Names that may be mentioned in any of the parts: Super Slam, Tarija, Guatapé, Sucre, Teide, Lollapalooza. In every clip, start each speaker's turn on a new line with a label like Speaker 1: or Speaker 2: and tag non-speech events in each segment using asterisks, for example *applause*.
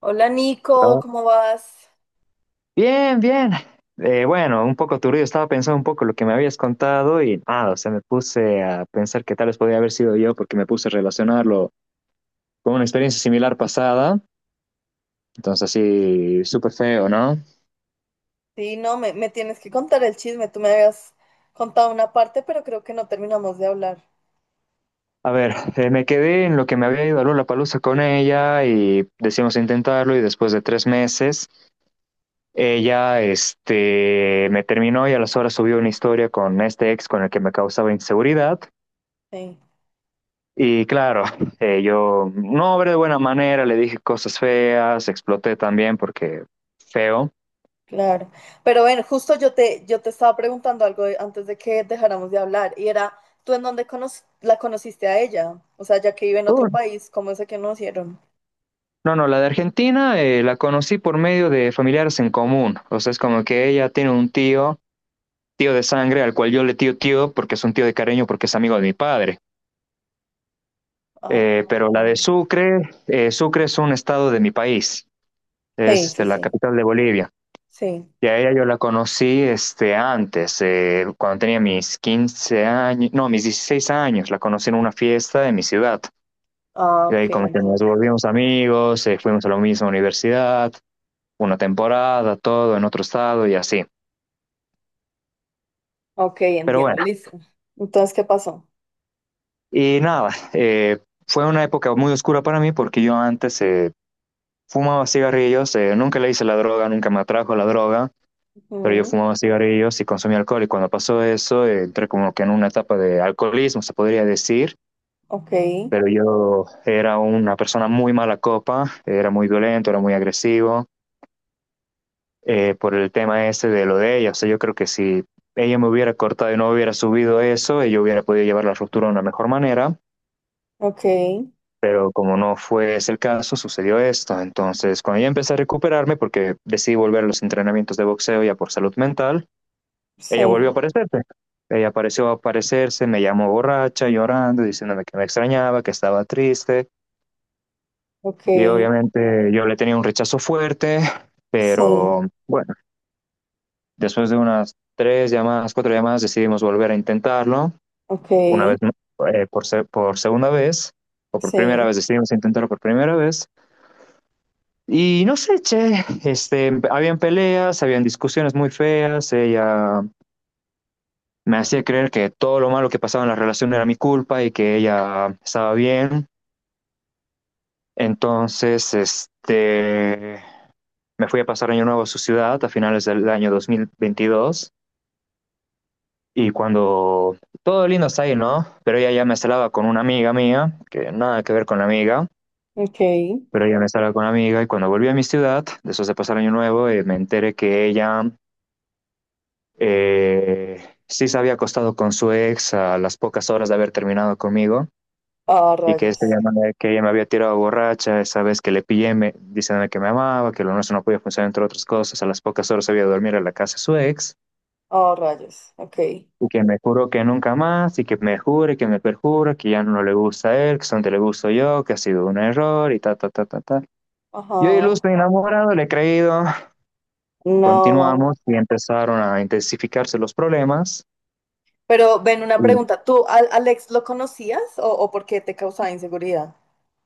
Speaker 1: Hola Nico,
Speaker 2: Ah,
Speaker 1: ¿cómo vas?
Speaker 2: Bien, bien. Bueno, un poco turbido. Estaba pensando un poco lo que me habías contado y nada, o sea, me puse a pensar que tal vez podía haber sido yo porque me puse a relacionarlo con una experiencia similar pasada. Entonces, así, súper feo, ¿no?
Speaker 1: Sí, no, me tienes que contar el chisme. Tú me habías contado una parte, pero creo que no terminamos de hablar.
Speaker 2: A ver, me quedé en lo que me había ido a Lollapalooza con ella y decidimos intentarlo y después de tres meses, ella, me terminó y a las horas subió una historia con este ex con el que me causaba inseguridad.
Speaker 1: Sí,
Speaker 2: Y claro, *laughs* yo no obré de buena manera, le dije cosas feas, exploté también porque feo.
Speaker 1: claro. Pero bueno, justo yo te estaba preguntando antes de que dejáramos de hablar y era, ¿tú en dónde la conociste a ella? O sea, ya que vive en
Speaker 2: Uh,
Speaker 1: otro país, ¿cómo se conocieron?
Speaker 2: No, no, la de Argentina la conocí por medio de familiares en común. O sea, es como que ella tiene un tío, tío de sangre, al cual yo le tío tío porque es un tío de cariño, porque es amigo de mi padre.
Speaker 1: Ah,
Speaker 2: Pero la de
Speaker 1: ok.
Speaker 2: Sucre, Sucre es un estado de mi país, es
Speaker 1: Sí, sí,
Speaker 2: la
Speaker 1: sí,
Speaker 2: capital de Bolivia.
Speaker 1: sí.
Speaker 2: Ya ella yo la conocí antes, cuando tenía mis 15 años, no, mis 16 años, la conocí en una fiesta de mi ciudad.
Speaker 1: Ah,
Speaker 2: Y de
Speaker 1: ok,
Speaker 2: ahí como que nos
Speaker 1: entiendo.
Speaker 2: volvimos amigos, fuimos a la misma universidad, una temporada, todo en otro estado y así.
Speaker 1: Ok,
Speaker 2: Pero
Speaker 1: entiendo,
Speaker 2: bueno,
Speaker 1: listo. Entonces, ¿qué pasó?
Speaker 2: y nada, fue una época muy oscura para mí porque yo antes fumaba cigarrillos, nunca le hice la droga, nunca me atrajo la droga, pero yo
Speaker 1: Ujú.
Speaker 2: fumaba cigarrillos y consumía alcohol y cuando pasó eso entré como que en una etapa de alcoholismo, se podría decir,
Speaker 1: Ok,
Speaker 2: pero yo era una persona muy mala copa, era muy violento, era muy agresivo, por el tema ese de lo de ella. O sea, yo creo que si ella me hubiera cortado y no hubiera subido eso, yo hubiera podido llevar la ruptura de una mejor manera,
Speaker 1: ok,
Speaker 2: pero como no fue ese el caso, sucedió esto. Entonces, cuando yo empecé a recuperarme, porque decidí volver a los entrenamientos de boxeo ya por salud mental, ella
Speaker 1: sí.
Speaker 2: volvió a aparecerse. Ella apareció a aparecerse, me llamó borracha, llorando, diciéndome que me extrañaba, que estaba triste.
Speaker 1: Ok,
Speaker 2: Y obviamente yo le tenía un rechazo fuerte,
Speaker 1: sí,
Speaker 2: pero bueno, después de unas tres llamadas, cuatro llamadas, decidimos volver a intentarlo.
Speaker 1: ok,
Speaker 2: Una vez, por segunda vez, o por primera
Speaker 1: sí,
Speaker 2: vez, decidimos intentarlo por primera vez. Y no sé, che, habían peleas, habían discusiones muy feas, ella me hacía creer que todo lo malo que pasaba en la relación era mi culpa y que ella estaba bien. Entonces, me fui a pasar Año Nuevo a su ciudad a finales del año 2022 y cuando todo lindo está ahí, ¿no? Pero ella ya me instalaba con una amiga mía, que nada que ver con la amiga,
Speaker 1: ok.
Speaker 2: pero ella me instalaba con la amiga y cuando volví a mi ciudad, después de pasar Año Nuevo, me enteré que ella eh, sí se había acostado con su ex a las pocas horas de haber terminado conmigo
Speaker 1: Ah,
Speaker 2: y que,
Speaker 1: rayos,
Speaker 2: este, que ella me había tirado borracha esa vez que le pillé me, diciéndome que me amaba, que lo nuestro no podía funcionar entre otras cosas, a las pocas horas había de dormir a la casa de su ex
Speaker 1: ah, rayos, ok.
Speaker 2: y que me juró que nunca más, y que me jure, que me perjure, que ya no le gusta a él, que solamente le gusto yo, que ha sido un error, y ta, ta, ta, ta, ta. Yo
Speaker 1: Ajá,
Speaker 2: iluso enamorado, le he creído,
Speaker 1: no.
Speaker 2: continuamos y empezaron a intensificarse los problemas.
Speaker 1: Pero ven, una
Speaker 2: Y
Speaker 1: pregunta. ¿Tú al Alex lo conocías o por qué te causaba inseguridad?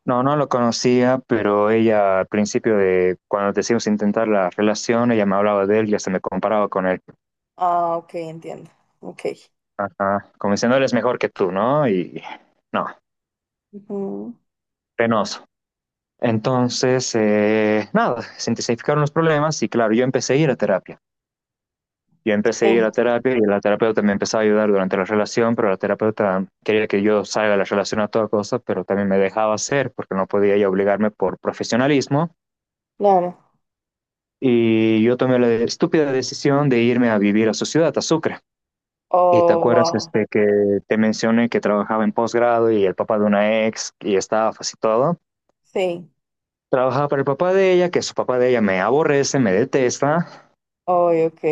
Speaker 2: No, no lo conocía, pero ella al principio de cuando decidimos intentar la relación, ella me hablaba de él y hasta me comparaba con él.
Speaker 1: Ah, ok, entiendo. Ok.
Speaker 2: Ajá, como diciendo, él es mejor que tú, ¿no? Y no,
Speaker 1: Ujú.
Speaker 2: penoso. Entonces, nada, se intensificaron los problemas y claro, yo empecé a ir a terapia. Yo empecé a ir
Speaker 1: Sí,
Speaker 2: a terapia y la terapeuta me empezó a ayudar durante la relación, pero la terapeuta quería que yo salga de la relación a toda cosa, pero también me dejaba hacer porque no podía ella obligarme por profesionalismo.
Speaker 1: claro.
Speaker 2: Y yo tomé la estúpida decisión de irme a vivir a su ciudad, a Sucre. Y te
Speaker 1: Oh,
Speaker 2: acuerdas
Speaker 1: wow.
Speaker 2: que te mencioné que trabajaba en posgrado y el papá de una ex y estafas y todo.
Speaker 1: Sí.
Speaker 2: Trabajaba para el papá de ella, que su papá de ella me aborrece, me detesta.
Speaker 1: Oh, ok,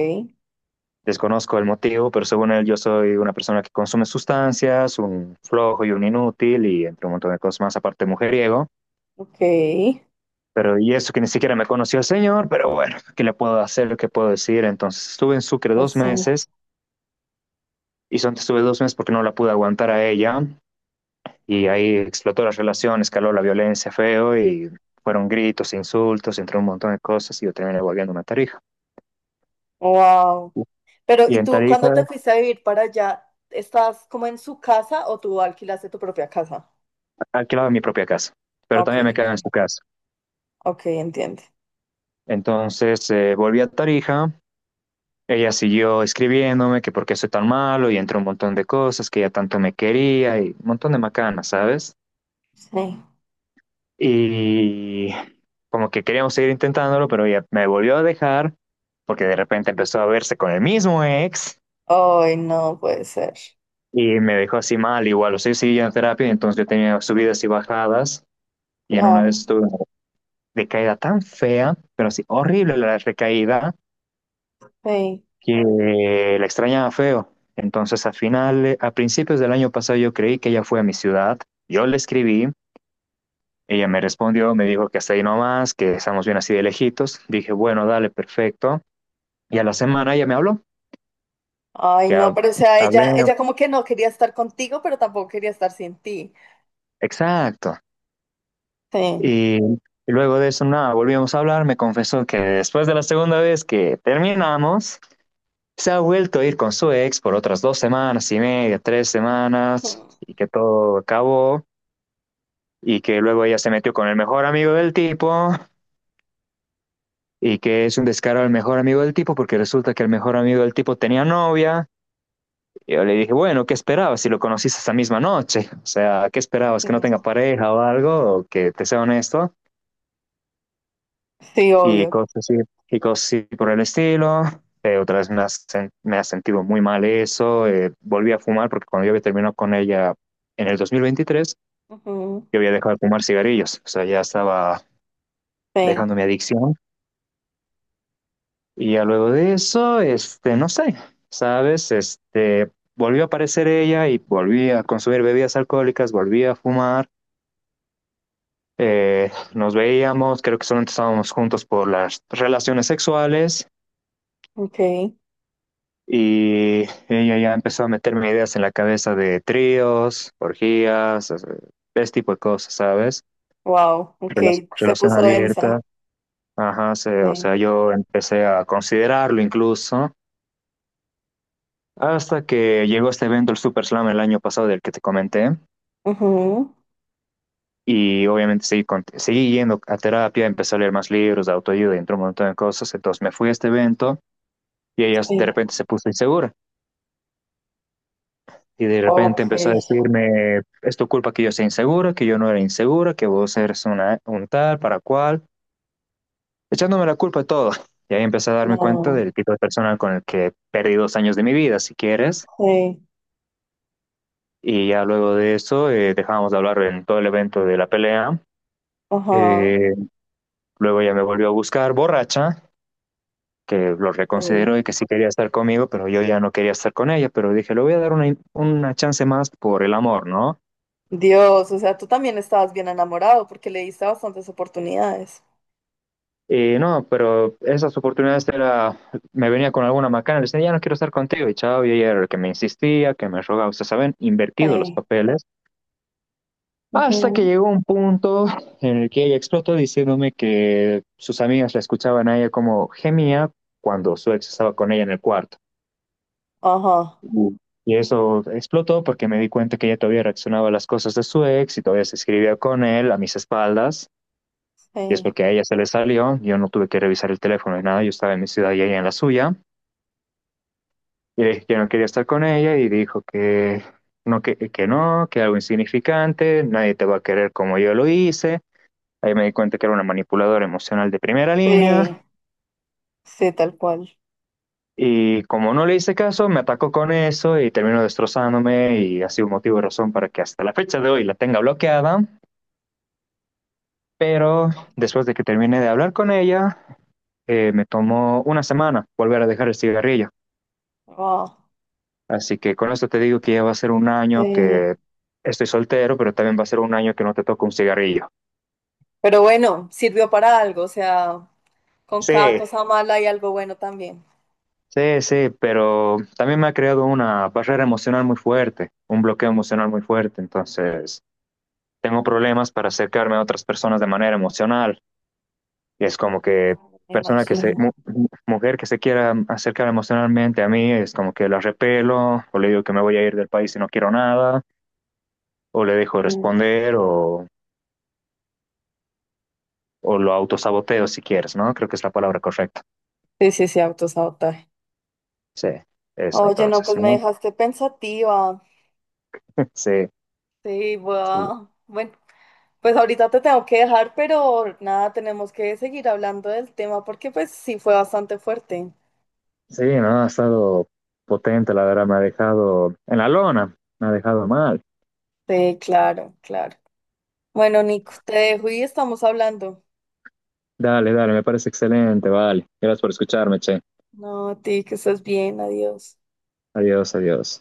Speaker 2: Desconozco el motivo, pero según él yo soy una persona que consume sustancias, un flojo y un inútil y entre un montón de cosas más, aparte mujeriego.
Speaker 1: ok.
Speaker 2: Pero y eso que ni siquiera me conoció el señor, pero bueno, ¿qué le puedo hacer? ¿Qué puedo decir? Entonces estuve en Sucre dos
Speaker 1: Eso.
Speaker 2: meses y solamente estuve dos meses porque no la pude aguantar a ella y ahí explotó la relación, escaló la violencia feo y fueron gritos, insultos, entre un montón de cosas y yo terminé volviendo a Tarija.
Speaker 1: Wow. Pero,
Speaker 2: Y
Speaker 1: ¿y
Speaker 2: en
Speaker 1: tú cuando
Speaker 2: Tarija
Speaker 1: te fuiste a vivir para allá, estás como en su casa o tú alquilaste tu propia casa?
Speaker 2: alquilaba mi propia casa, pero
Speaker 1: Ok,
Speaker 2: también me
Speaker 1: ok,
Speaker 2: quedaba en su casa.
Speaker 1: ok, entiende.
Speaker 2: Entonces volví a Tarija, ella siguió escribiéndome que por qué soy tan malo y entró un montón de cosas, que ella tanto me quería y un montón de macanas, ¿sabes?
Speaker 1: Sí.
Speaker 2: Y como que queríamos seguir intentándolo, pero ella me volvió a dejar porque de repente empezó a verse con el mismo ex
Speaker 1: Ay, no puede ser.
Speaker 2: y me dejó así mal, igual, o sea, yo seguía en terapia, entonces yo tenía subidas y bajadas y en una
Speaker 1: Claro,
Speaker 2: vez tuve una recaída tan fea, pero así horrible la recaída,
Speaker 1: sí.
Speaker 2: que la extrañaba feo. Entonces, a final, a principios del año pasado, yo creí que ella fue a mi ciudad. Yo le escribí, ella me respondió, me dijo que hasta ahí nomás, que estamos bien así de lejitos. Dije, bueno, dale, perfecto. Y a la semana ella me habló,
Speaker 1: Ay,
Speaker 2: que
Speaker 1: no,
Speaker 2: hab-
Speaker 1: pero o sea, ella,
Speaker 2: hablé,
Speaker 1: ella como que no quería estar contigo, pero tampoco quería estar sin ti.
Speaker 2: exacto.
Speaker 1: Sí.
Speaker 2: Y luego de eso, nada, volvimos a hablar. Me confesó que después de la segunda vez que terminamos, se ha vuelto a ir con su ex por otras dos semanas y media, tres semanas,
Speaker 1: Mm.
Speaker 2: y que todo acabó. Y que luego ella se metió con el mejor amigo del tipo y que es un descaro al mejor amigo del tipo porque resulta que el mejor amigo del tipo tenía novia. Y yo le dije, bueno, ¿qué esperabas si lo conociste esa misma noche? O sea, ¿qué esperabas?
Speaker 1: Sí.
Speaker 2: ¿Que no tenga pareja o algo? ¿O que te sea honesto?
Speaker 1: Sí,
Speaker 2: Y
Speaker 1: obvio.
Speaker 2: cosas así, y cosas así por el estilo. Otra vez me ha sentido muy mal eso. Volví a fumar porque cuando yo había terminado con ella en el 2023,
Speaker 1: Ujú.
Speaker 2: yo había dejado de fumar cigarrillos. O sea, ya estaba
Speaker 1: Sí,
Speaker 2: dejando mi adicción. Y ya luego de eso, no sé, ¿sabes? Volvió a aparecer ella y volví a consumir bebidas alcohólicas, volví a fumar, nos veíamos, creo que solamente estábamos juntos por las relaciones sexuales
Speaker 1: ok.
Speaker 2: y ella ya empezó a meterme ideas en la cabeza de tríos, orgías, ese tipo de cosas, ¿sabes?
Speaker 1: Wow, ok. Se
Speaker 2: Relación
Speaker 1: puso densa.
Speaker 2: abierta, ajá, o
Speaker 1: Sí.
Speaker 2: sea, yo empecé a considerarlo incluso. Hasta que llegó este evento, el Super Slam, el año pasado del que te comenté,
Speaker 1: Ujú.
Speaker 2: y obviamente seguí yendo a terapia, empecé a leer más libros de autoayuda y entró un montón de cosas, entonces me fui a este evento y ella de
Speaker 1: Sí.
Speaker 2: repente se puso insegura y de repente
Speaker 1: Ok.
Speaker 2: empezó a decirme, es tu culpa que yo sea insegura, que yo no era insegura, que vos eres una, un tal, para cual, echándome la culpa de todo. Y ahí empecé a darme cuenta
Speaker 1: No,
Speaker 2: del tipo de persona con el que perdí dos años de mi vida, si quieres.
Speaker 1: sí.
Speaker 2: Y ya luego de eso dejamos de hablar en todo el evento de la pelea.
Speaker 1: Ajá.
Speaker 2: Eh, Luego ella me volvió a buscar borracha, que lo
Speaker 1: Sí.
Speaker 2: reconsideró y que sí quería estar conmigo, pero yo ya no quería estar con ella, pero dije, le voy a dar una chance más por el amor, ¿no?
Speaker 1: Dios, o sea, tú también estabas bien enamorado porque le diste bastantes oportunidades.
Speaker 2: Y no, pero esas oportunidades era, me venía con alguna macana, le decía, ya no quiero estar contigo, y chao, y ella era el que me insistía, que me rogaba, ustedes saben, invertido los
Speaker 1: Sí,
Speaker 2: papeles, hasta que
Speaker 1: ujú.
Speaker 2: llegó un punto en el que ella explotó diciéndome que sus amigas la escuchaban a ella como gemía cuando su ex estaba con ella en el cuarto.
Speaker 1: Ajá,
Speaker 2: Uh, Y eso explotó porque me di cuenta que ella todavía reaccionaba a las cosas de su ex y todavía se escribía con él a mis espaldas. Y es
Speaker 1: sí.
Speaker 2: porque a ella se le salió, yo no tuve que revisar el teléfono ni nada, yo estaba en mi ciudad y ella en la suya. Y le dije que no quería estar con ella y dijo que que no, que algo insignificante, nadie te va a querer como yo lo hice. Ahí me di cuenta que era una manipuladora emocional de primera
Speaker 1: Sí,
Speaker 2: línea.
Speaker 1: sí, tal cual.
Speaker 2: Y como no le hice caso, me atacó con eso y terminó destrozándome y ha sido motivo y razón para que hasta la fecha de hoy la tenga bloqueada. Pero después de que terminé de hablar con ella, me tomó una semana volver a dejar el cigarrillo.
Speaker 1: Wow.
Speaker 2: Así que con esto te digo que ya va a ser un año
Speaker 1: Sí.
Speaker 2: que estoy soltero, pero también va a ser un año que no te toco un cigarrillo.
Speaker 1: Pero bueno, sirvió para algo, o sea, con cada
Speaker 2: Sí,
Speaker 1: cosa mala hay algo bueno también,
Speaker 2: sí, sí, pero también me ha creado una barrera emocional muy fuerte, un bloqueo emocional muy fuerte. Entonces tengo problemas para acercarme a otras personas de manera emocional. Y es como que
Speaker 1: me Sí.
Speaker 2: persona que se,
Speaker 1: imagino.
Speaker 2: mu- mujer que se quiera acercar emocionalmente a mí, es como que la repelo, o le digo que me voy a ir del país y no quiero nada, o le dejo de
Speaker 1: Sí.
Speaker 2: responder, o lo autosaboteo si quieres, ¿no? Creo que es la palabra correcta.
Speaker 1: Sí, sí, sí, autosabotaje.
Speaker 2: Sí, eso
Speaker 1: Oye, no,
Speaker 2: entonces,
Speaker 1: pues me
Speaker 2: ¿no?
Speaker 1: dejaste pensativa.
Speaker 2: *laughs* Sí,
Speaker 1: Sí,
Speaker 2: sí,
Speaker 1: voy. Bueno, pues ahorita te tengo que dejar, pero nada, tenemos que seguir hablando del tema porque pues sí fue bastante fuerte.
Speaker 2: sí, no, ha estado potente, la verdad, me ha dejado en la lona, me ha dejado mal.
Speaker 1: Sí, claro, claro. Bueno, Nico, te dejo y estamos hablando.
Speaker 2: Dale, dale, me parece excelente, vale. Gracias por escucharme, che.
Speaker 1: No, a ti que estás bien, adiós.
Speaker 2: Adiós, adiós.